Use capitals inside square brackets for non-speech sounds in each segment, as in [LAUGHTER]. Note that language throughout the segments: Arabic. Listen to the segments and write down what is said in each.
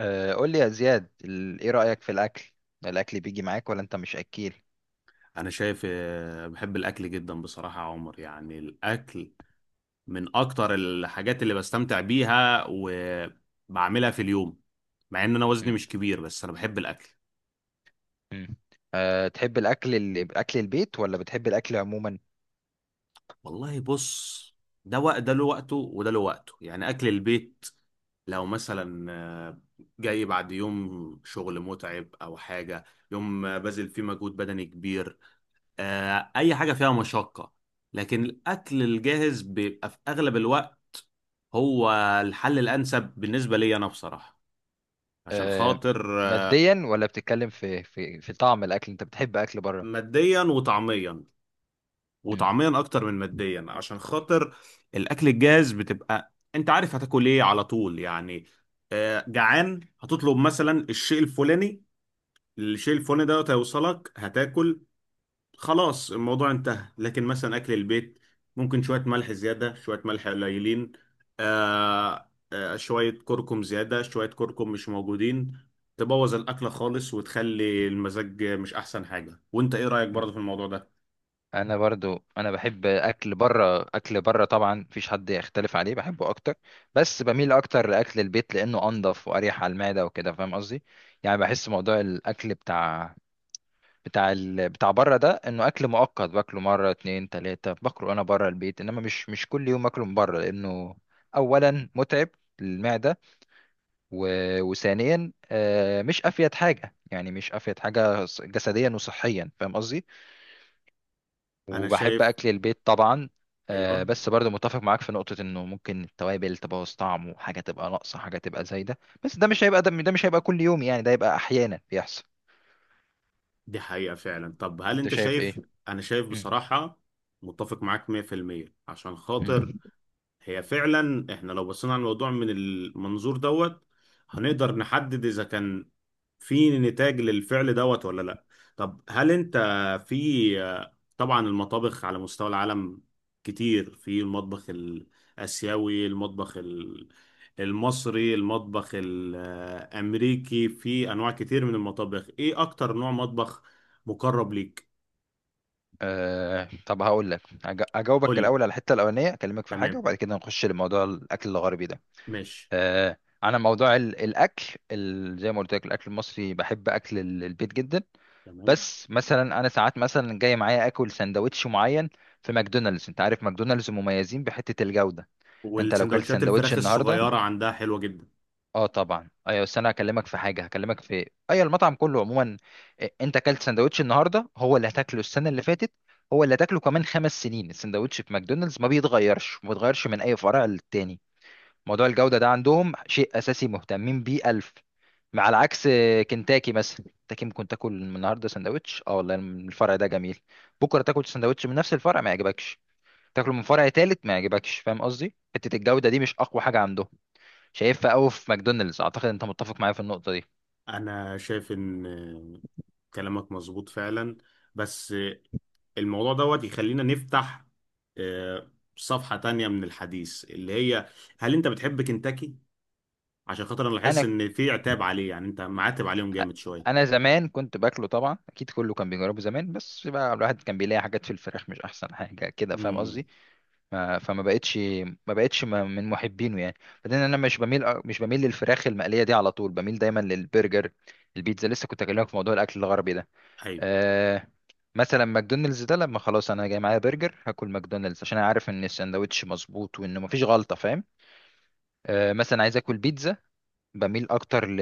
قول لي يا زياد ايه رأيك في الاكل؟ الاكل بيجي معاك ولا انت مش اكيل؟ انا شايف، بحب الاكل جدا بصراحة يا عمر، يعني الاكل من اكتر الحاجات اللي بستمتع بيها وبعملها في اليوم. مع ان انا وزني مم. مش كبير، بس انا بحب الاكل. مم. أه، تحب الاكل اكل البيت ولا بتحب الاكل عموما؟ والله بص، ده وقت، ده له وقته وده له وقته، يعني اكل البيت. لو مثلا جاي بعد يوم شغل متعب او حاجة، يوم بذل فيه مجهود بدني كبير، اي حاجة فيها مشقة، لكن الاكل الجاهز بيبقى في اغلب الوقت هو الحل الأنسب بالنسبة لي أنا بصراحة، عشان أه، خاطر ماديا ولا بتتكلم في طعم الاكل؟ انت بتحب اكل بره؟ ماديا وطعميا، مم. وطعميا أكتر من ماديا. عشان خاطر الأكل الجاهز بتبقى أنت عارف هتاكل إيه على طول، يعني جعان هتطلب مثلا الشيء الفلاني، الشيء الفلاني ده هيوصلك، هتاكل، خلاص الموضوع انتهى. لكن مثلا اكل البيت ممكن شويه ملح زياده، شويه ملح قليلين، شويه كركم زياده، شويه كركم مش موجودين، تبوظ الاكله خالص وتخلي المزاج مش احسن حاجه. وانت ايه رايك مم. برضه في الموضوع ده؟ انا برضو، بحب اكل بره. اكل بره طبعا مفيش حد يختلف عليه، بحبه اكتر، بس بميل اكتر لاكل البيت لانه انضف واريح على المعدة وكده، فاهم قصدي؟ يعني بحس موضوع الاكل بتاع بره ده انه اكل مؤقت، باكله مره اتنين تلاته، باكله انا بره البيت، انما مش كل يوم اكله من بره، لانه اولا متعب للمعده، و... وثانيا مش افيد حاجه، يعني مش افيد حاجه جسديا وصحيا، فاهم قصدي؟ انا وبحب شايف. اكل البيت طبعا. ايوه، بس برضه متفق معاك في نقطة انه ممكن التوابل تبوظ طعمه، حاجة تبقى ناقصة، حاجة تبقى زايدة، بس ده مش هيبقى ده مش هيبقى كل يوم، يعني ده يبقى احيانا بيحصل. دي حقيقه فعلا. طب هل انت انت شايف ايه؟ شايف؟ انا شايف مم. بصراحه متفق معاك 100%، عشان مم. خاطر هي فعلا، احنا لو بصينا على الموضوع من المنظور دوت هنقدر نحدد اذا كان في نتاج للفعل دوت ولا لا. طب هل انت في؟ طبعا المطابخ على مستوى العالم كتير، في المطبخ الاسيوي، المطبخ المصري، المطبخ الامريكي، في انواع كتير من المطابخ. ايه اكتر نوع مطبخ مقرب ليك؟ أه، طب هقول لك، قول اجاوبك لي. الاول على الحته الاولانيه، اكلمك في حاجه تمام. وبعد كده نخش لموضوع الاكل الغربي ده. ماشي. أه، انا موضوع الاكل، زي ما قلت لك الاكل المصري، بحب اكل البيت جدا، تمام. بس مثلا انا ساعات مثلا جاي معايا اكل سندوتش معين في ماكدونالدز. انت عارف ماكدونالدز مميزين بحته الجوده. انت لو كلت والسندوتشات سندوتش الفراخ النهارده، الصغيرة عندها حلوة جدا. اه طبعا، ايوه، بس انا هكلمك في حاجه، هكلمك في ايوه، المطعم كله عموما. إيه، انت اكلت سندوتش النهارده هو اللي هتاكله السنه اللي فاتت، هو اللي هتاكله كمان خمس سنين. السندوتش في ماكدونالدز ما بيتغيرش، ما بيتغيرش من اي فرع للتاني. موضوع الجوده ده عندهم شيء اساسي، مهتمين بيه الف. مع العكس كنتاكي، مثلا كنتاكي ممكن تاكل النهارده سندوتش، اه والله الفرع ده جميل، بكره تاكل سندوتش من نفس الفرع ما يعجبكش، تاكله من فرع تالت ما يعجبكش، فاهم قصدي؟ حته الجوده دي مش اقوى حاجه عندهم، شايفها قوي في ماكدونالدز. اعتقد انت متفق معايا في النقطه دي. انا شايف ان كلامك مظبوط فعلا، بس الموضوع دوت يخلينا نفتح آه، صفحة تانية من الحديث، اللي هي هل انت بتحب كنتاكي؟ عشان خاطر انا لاحظت انا ان في عتاب عليه، يعني انت معاتب عليهم جامد شوية. انا زمان كنت باكله طبعا، اكيد كله كان بيجربه زمان، بس بقى الواحد كان بيلاقي حاجات في الفراخ مش احسن حاجه كده، فاهم قصدي؟ امم ما- فما بقتش، ما بقتش من محبينه يعني. بعدين انا مش بميل للفراخ المقليه دي على طول، بميل دايما للبرجر. البيتزا لسه كنت اكلمك في موضوع الاكل الغربي ده. ايوه. أه، مثلا ماكدونالدز ده لما خلاص انا جاي معايا برجر، هاكل ماكدونالدز عشان انا عارف ان الساندوتش مظبوط وانه مفيش غلطه، فاهم؟ مثلا عايز اكل بيتزا، بميل اكتر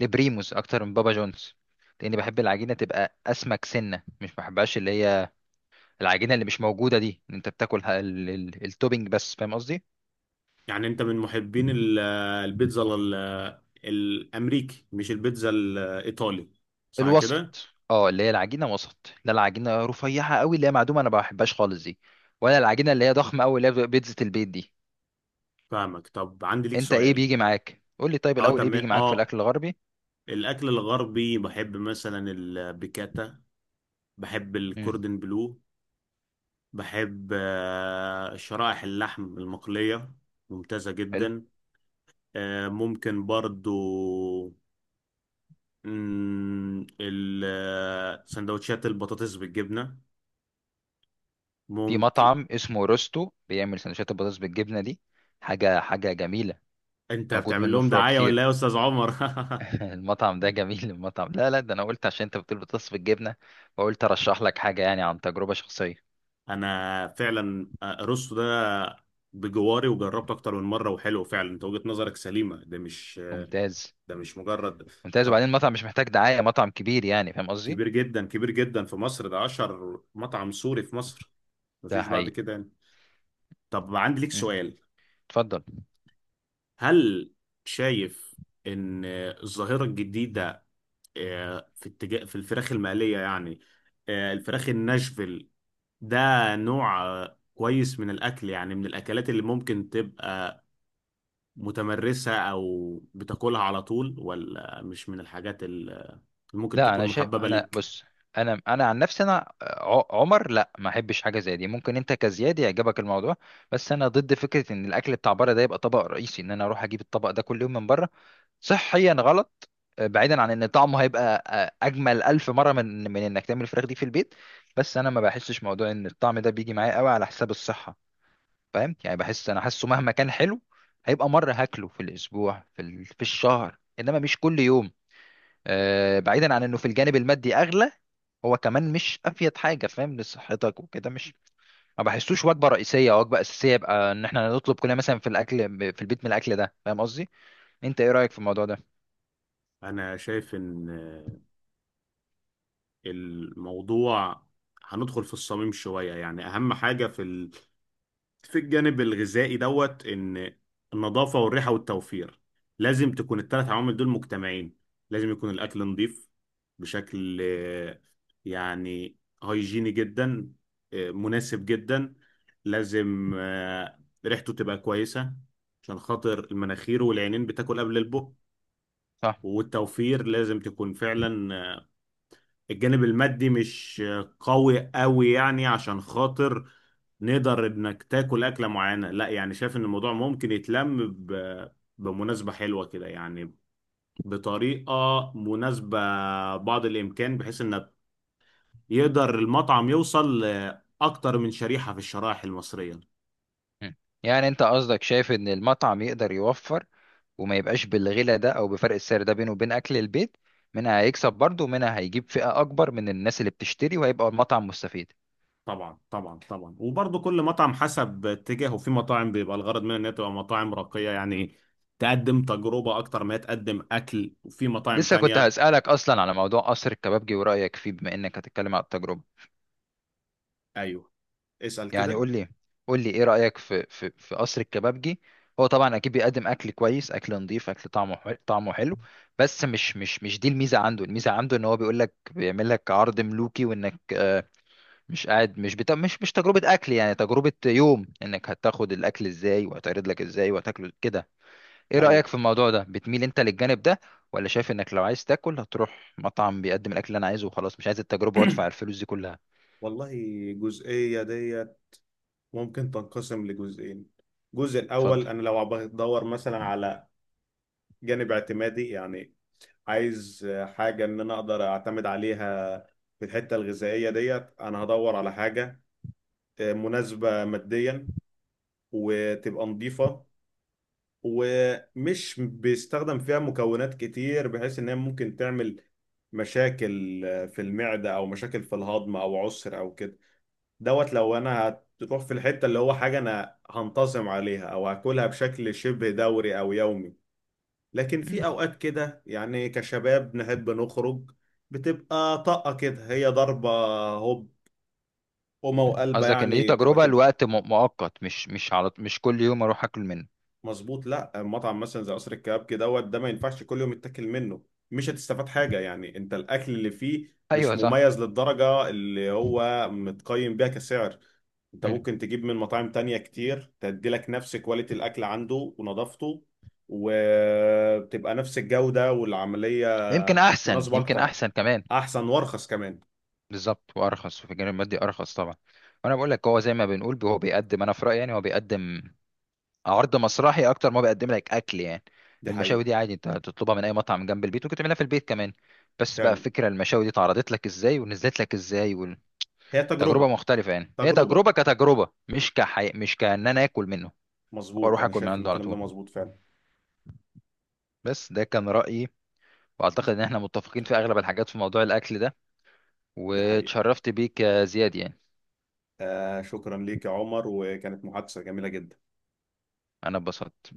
لبريموز اكتر من بابا جونز، لاني بحب العجينه تبقى اسمك سنه، مش بحبهاش اللي هي العجينه اللي مش موجوده دي، إن انت بتاكل التوبينج بس، فاهم قصدي؟ يعني انت من محبين البيتزا الامريكي مش البيتزا الايطالي، صح كده؟ الوسط، اه، اللي هي العجينه وسط، لا العجينه رفيعه قوي اللي هي معدومه، انا ما بحبهاش خالص دي، ولا العجينه اللي هي ضخمه قوي اللي هي بتبقى بيتزا البيت دي. فاهمك. طب عندي ليك انت ايه سؤال. بيجي معاك؟ قول لي طيب اه الاول، ايه بيجي تمام معاك في اه، الاكل الغربي؟ الاكل الغربي بحب مثلا البيكاتا، بحب امم، الكوردن بلو، بحب شرائح اللحم المقلية، ممتازة حلو. جدا. ممكن برضو سندوتشات البطاطس بالجبنة، في ممكن. مطعم اسمه روستو بيعمل سندوتشات البطاطس بالجبنه دي، حاجه جميله. انت موجود بتعمل منه لهم فروع دعاية ولا كتير. ايه يا استاذ عمر؟ [LAUGHS] [LAUGHS] المطعم ده جميل. المطعم، لا لا ده انا قلت عشان انت بتقول بتصف الجبنه، فقلت ارشح لك حاجه يعني عن تجربه شخصيه. انا فعلا رستو ده بجواري وجربته اكتر من مرة، وحلو فعلا. انت وجهة نظرك سليمة، ممتاز. ده مش مجرد. ممتاز، طب، وبعدين المطعم مش محتاج دعايه، مطعم كبير يعني، فاهم قصدي؟ كبير جدا، كبير جدا في مصر، ده اشهر مطعم سوري في مصر، ده مفيش بعد حقيقي. كده يعني. طب عندي ليك مم. سؤال. اتفضل. هل شايف ان الظاهرة الجديدة، في اتجاه في الفراخ المقلية يعني، الفراخ الناشفيل ده نوع كويس من الاكل؟ يعني من الاكلات اللي ممكن تبقى متمرسة او بتاكلها على طول، ولا مش من الحاجات اللي ممكن لا، تكون انا شايف، محببة انا ليك؟ بص، انا عن نفسي انا، عمر، لا ما احبش حاجه زي دي، ممكن انت كزياد يعجبك الموضوع، بس انا ضد فكره ان الاكل بتاع بره ده يبقى طبق رئيسي، ان انا اروح اجيب الطبق ده كل يوم من بره. صحيا غلط. بعيدا عن ان طعمه هيبقى اجمل الف مره من انك تعمل الفراخ دي في البيت، بس انا ما بحسش موضوع ان الطعم ده بيجي معايا قوي على حساب الصحه، فاهم يعني؟ بحس، انا حاسه مهما كان حلو هيبقى مره هاكله في الاسبوع، في في الشهر، انما مش كل يوم. بعيدا عن انه في الجانب المادي اغلى، هو كمان مش افيد حاجه، فاهم، لصحتك وكده مش، ما بحسوش وجبه رئيسيه او وجبه اساسيه يبقى ان احنا نطلب كلنا مثلا في الاكل في البيت من الاكل ده، فاهم قصدي؟ انت ايه رايك في الموضوع ده؟ انا شايف ان الموضوع هندخل في الصميم شوية. يعني أهم حاجة في الجانب الغذائي دوت، إن النظافة والريحة والتوفير، لازم تكون الثلاث عوامل دول مجتمعين. لازم يكون الأكل نظيف بشكل يعني هيجيني جدا، مناسب جدا. لازم ريحته تبقى كويسة، عشان خاطر المناخير والعينين بتاكل قبل البق. صح. والتوفير لازم تكون فعلا، الجانب المادي مش قوي قوي يعني، عشان خاطر نقدر انك تاكل اكله معينه. لا يعني شايف ان الموضوع ممكن يتلم بمناسبه حلوه كده يعني، بطريقه مناسبه، بعض الامكان، بحيث ان يقدر المطعم يوصل لاكتر من شريحه في الشرائح المصريه. مم. يعني انت قصدك شايف ان المطعم يقدر يوفر وما يبقاش بالغلا ده او بفرق السعر ده بينه وبين اكل البيت، منها هيكسب برضه ومنها هيجيب فئة اكبر من الناس اللي بتشتري، وهيبقى المطعم مستفيد. طبعا طبعا طبعا، وبرضه كل مطعم حسب اتجاهه. في مطاعم بيبقى الغرض منها انها تبقى مطاعم راقيه يعني، تقدم تجربه اكتر ما هي تقدم اكل، وفي مطاعم لسه كنت تانية. هسألك اصلا على موضوع قصر الكبابجي ورأيك فيه، بما انك هتتكلم على التجربة، ايوه. اسأل يعني كده. قول لي، قول لي ايه رأيك في قصر الكبابجي؟ هو طبعا اكيد بيقدم اكل كويس، اكل نظيف، اكل طعمه حلو، طعمه حلو، بس مش دي الميزة عنده، الميزة عنده ان هو بيقول لك بيعمل لك عرض ملوكي، وانك مش قاعد مش بتا... مش مش تجربة أكل، يعني تجربة يوم، إنك هتاخد الأكل إزاي وهيتعرض لك إزاي وهتاكله كده. إيه أيوة. رأيك في الموضوع ده؟ بتميل أنت للجانب ده، ولا شايف إنك لو عايز تاكل هتروح مطعم بيقدم الأكل اللي أنا عايزه وخلاص، مش عايز التجربة وأدفع الفلوس دي كلها؟ والله الجزئية ديت ممكن تنقسم لجزئين. الجزء الأول، اتفضل. أنا لو بدور مثلا على جانب اعتمادي يعني، عايز حاجة إن أنا أقدر أعتمد عليها، في الحتة الغذائية ديت أنا هدور على حاجة مناسبة ماديا وتبقى نظيفة ومش بيستخدم فيها مكونات كتير، بحيث إن هي ممكن تعمل مشاكل في المعدة أو مشاكل في الهضم أو عسر أو كده. دوت لو انا هتروح في الحته، اللي هو حاجه انا هنتظم عليها او هاكلها بشكل شبه دوري او يومي. لكن في مم. اوقات كده يعني كشباب نحب نخرج، بتبقى طاقه كده، هي ضربه، هوب، قومه وقلبه قصدك إن دي يعني، تبقى تجربة كده. لوقت مؤقت؟ مش كل يوم أروح أكل منه؟ مظبوط. لا مطعم مثلا زي قصر الكبابجي دوت، ده ما ينفعش كل يوم يتاكل منه، مش هتستفاد حاجه يعني، انت الاكل اللي فيه مش أيوه صح. مميز للدرجه اللي هو متقيم بيها كسعر. انت مم. ممكن تجيب من مطاعم تانية كتير تدي لك نفس كواليتي الاكل عنده ونظافته، وبتبقى نفس الجوده والعمليه يمكن أحسن، مناسبه يمكن اكتر، أحسن كمان. احسن وارخص كمان. بالظبط، وأرخص، وفي الجانب المادي أرخص طبعا. وأنا بقول لك، هو زي ما بنقول هو بيقدم، أنا في رأيي يعني هو بيقدم عرض مسرحي اكتر ما بيقدم لك اكل يعني. دي المشاوي حقيقه دي عادي انت تطلبها من اي مطعم جنب البيت، ممكن تعملها في البيت كمان، بس بقى فعلا. فكرة المشاوي دي اتعرضت لك ازاي ونزلت لك ازاي. هي والتجربة تجربه، مختلفة، يعني هي تجربه. تجربة كتجربة، مش كأن انا اكل منه او مظبوط، اروح انا اكل من شايف ان عنده على الكلام ده طول. مظبوط فعلا. بس ده كان رأيي، واعتقد ان احنا متفقين في اغلب الحاجات في موضوع الاكل ده. دي حقيقه. واتشرفت بيك يا زياد يعني. آه، شكرا ليك يا عمر، وكانت محادثة جميلة جدا. انا اتبسطت.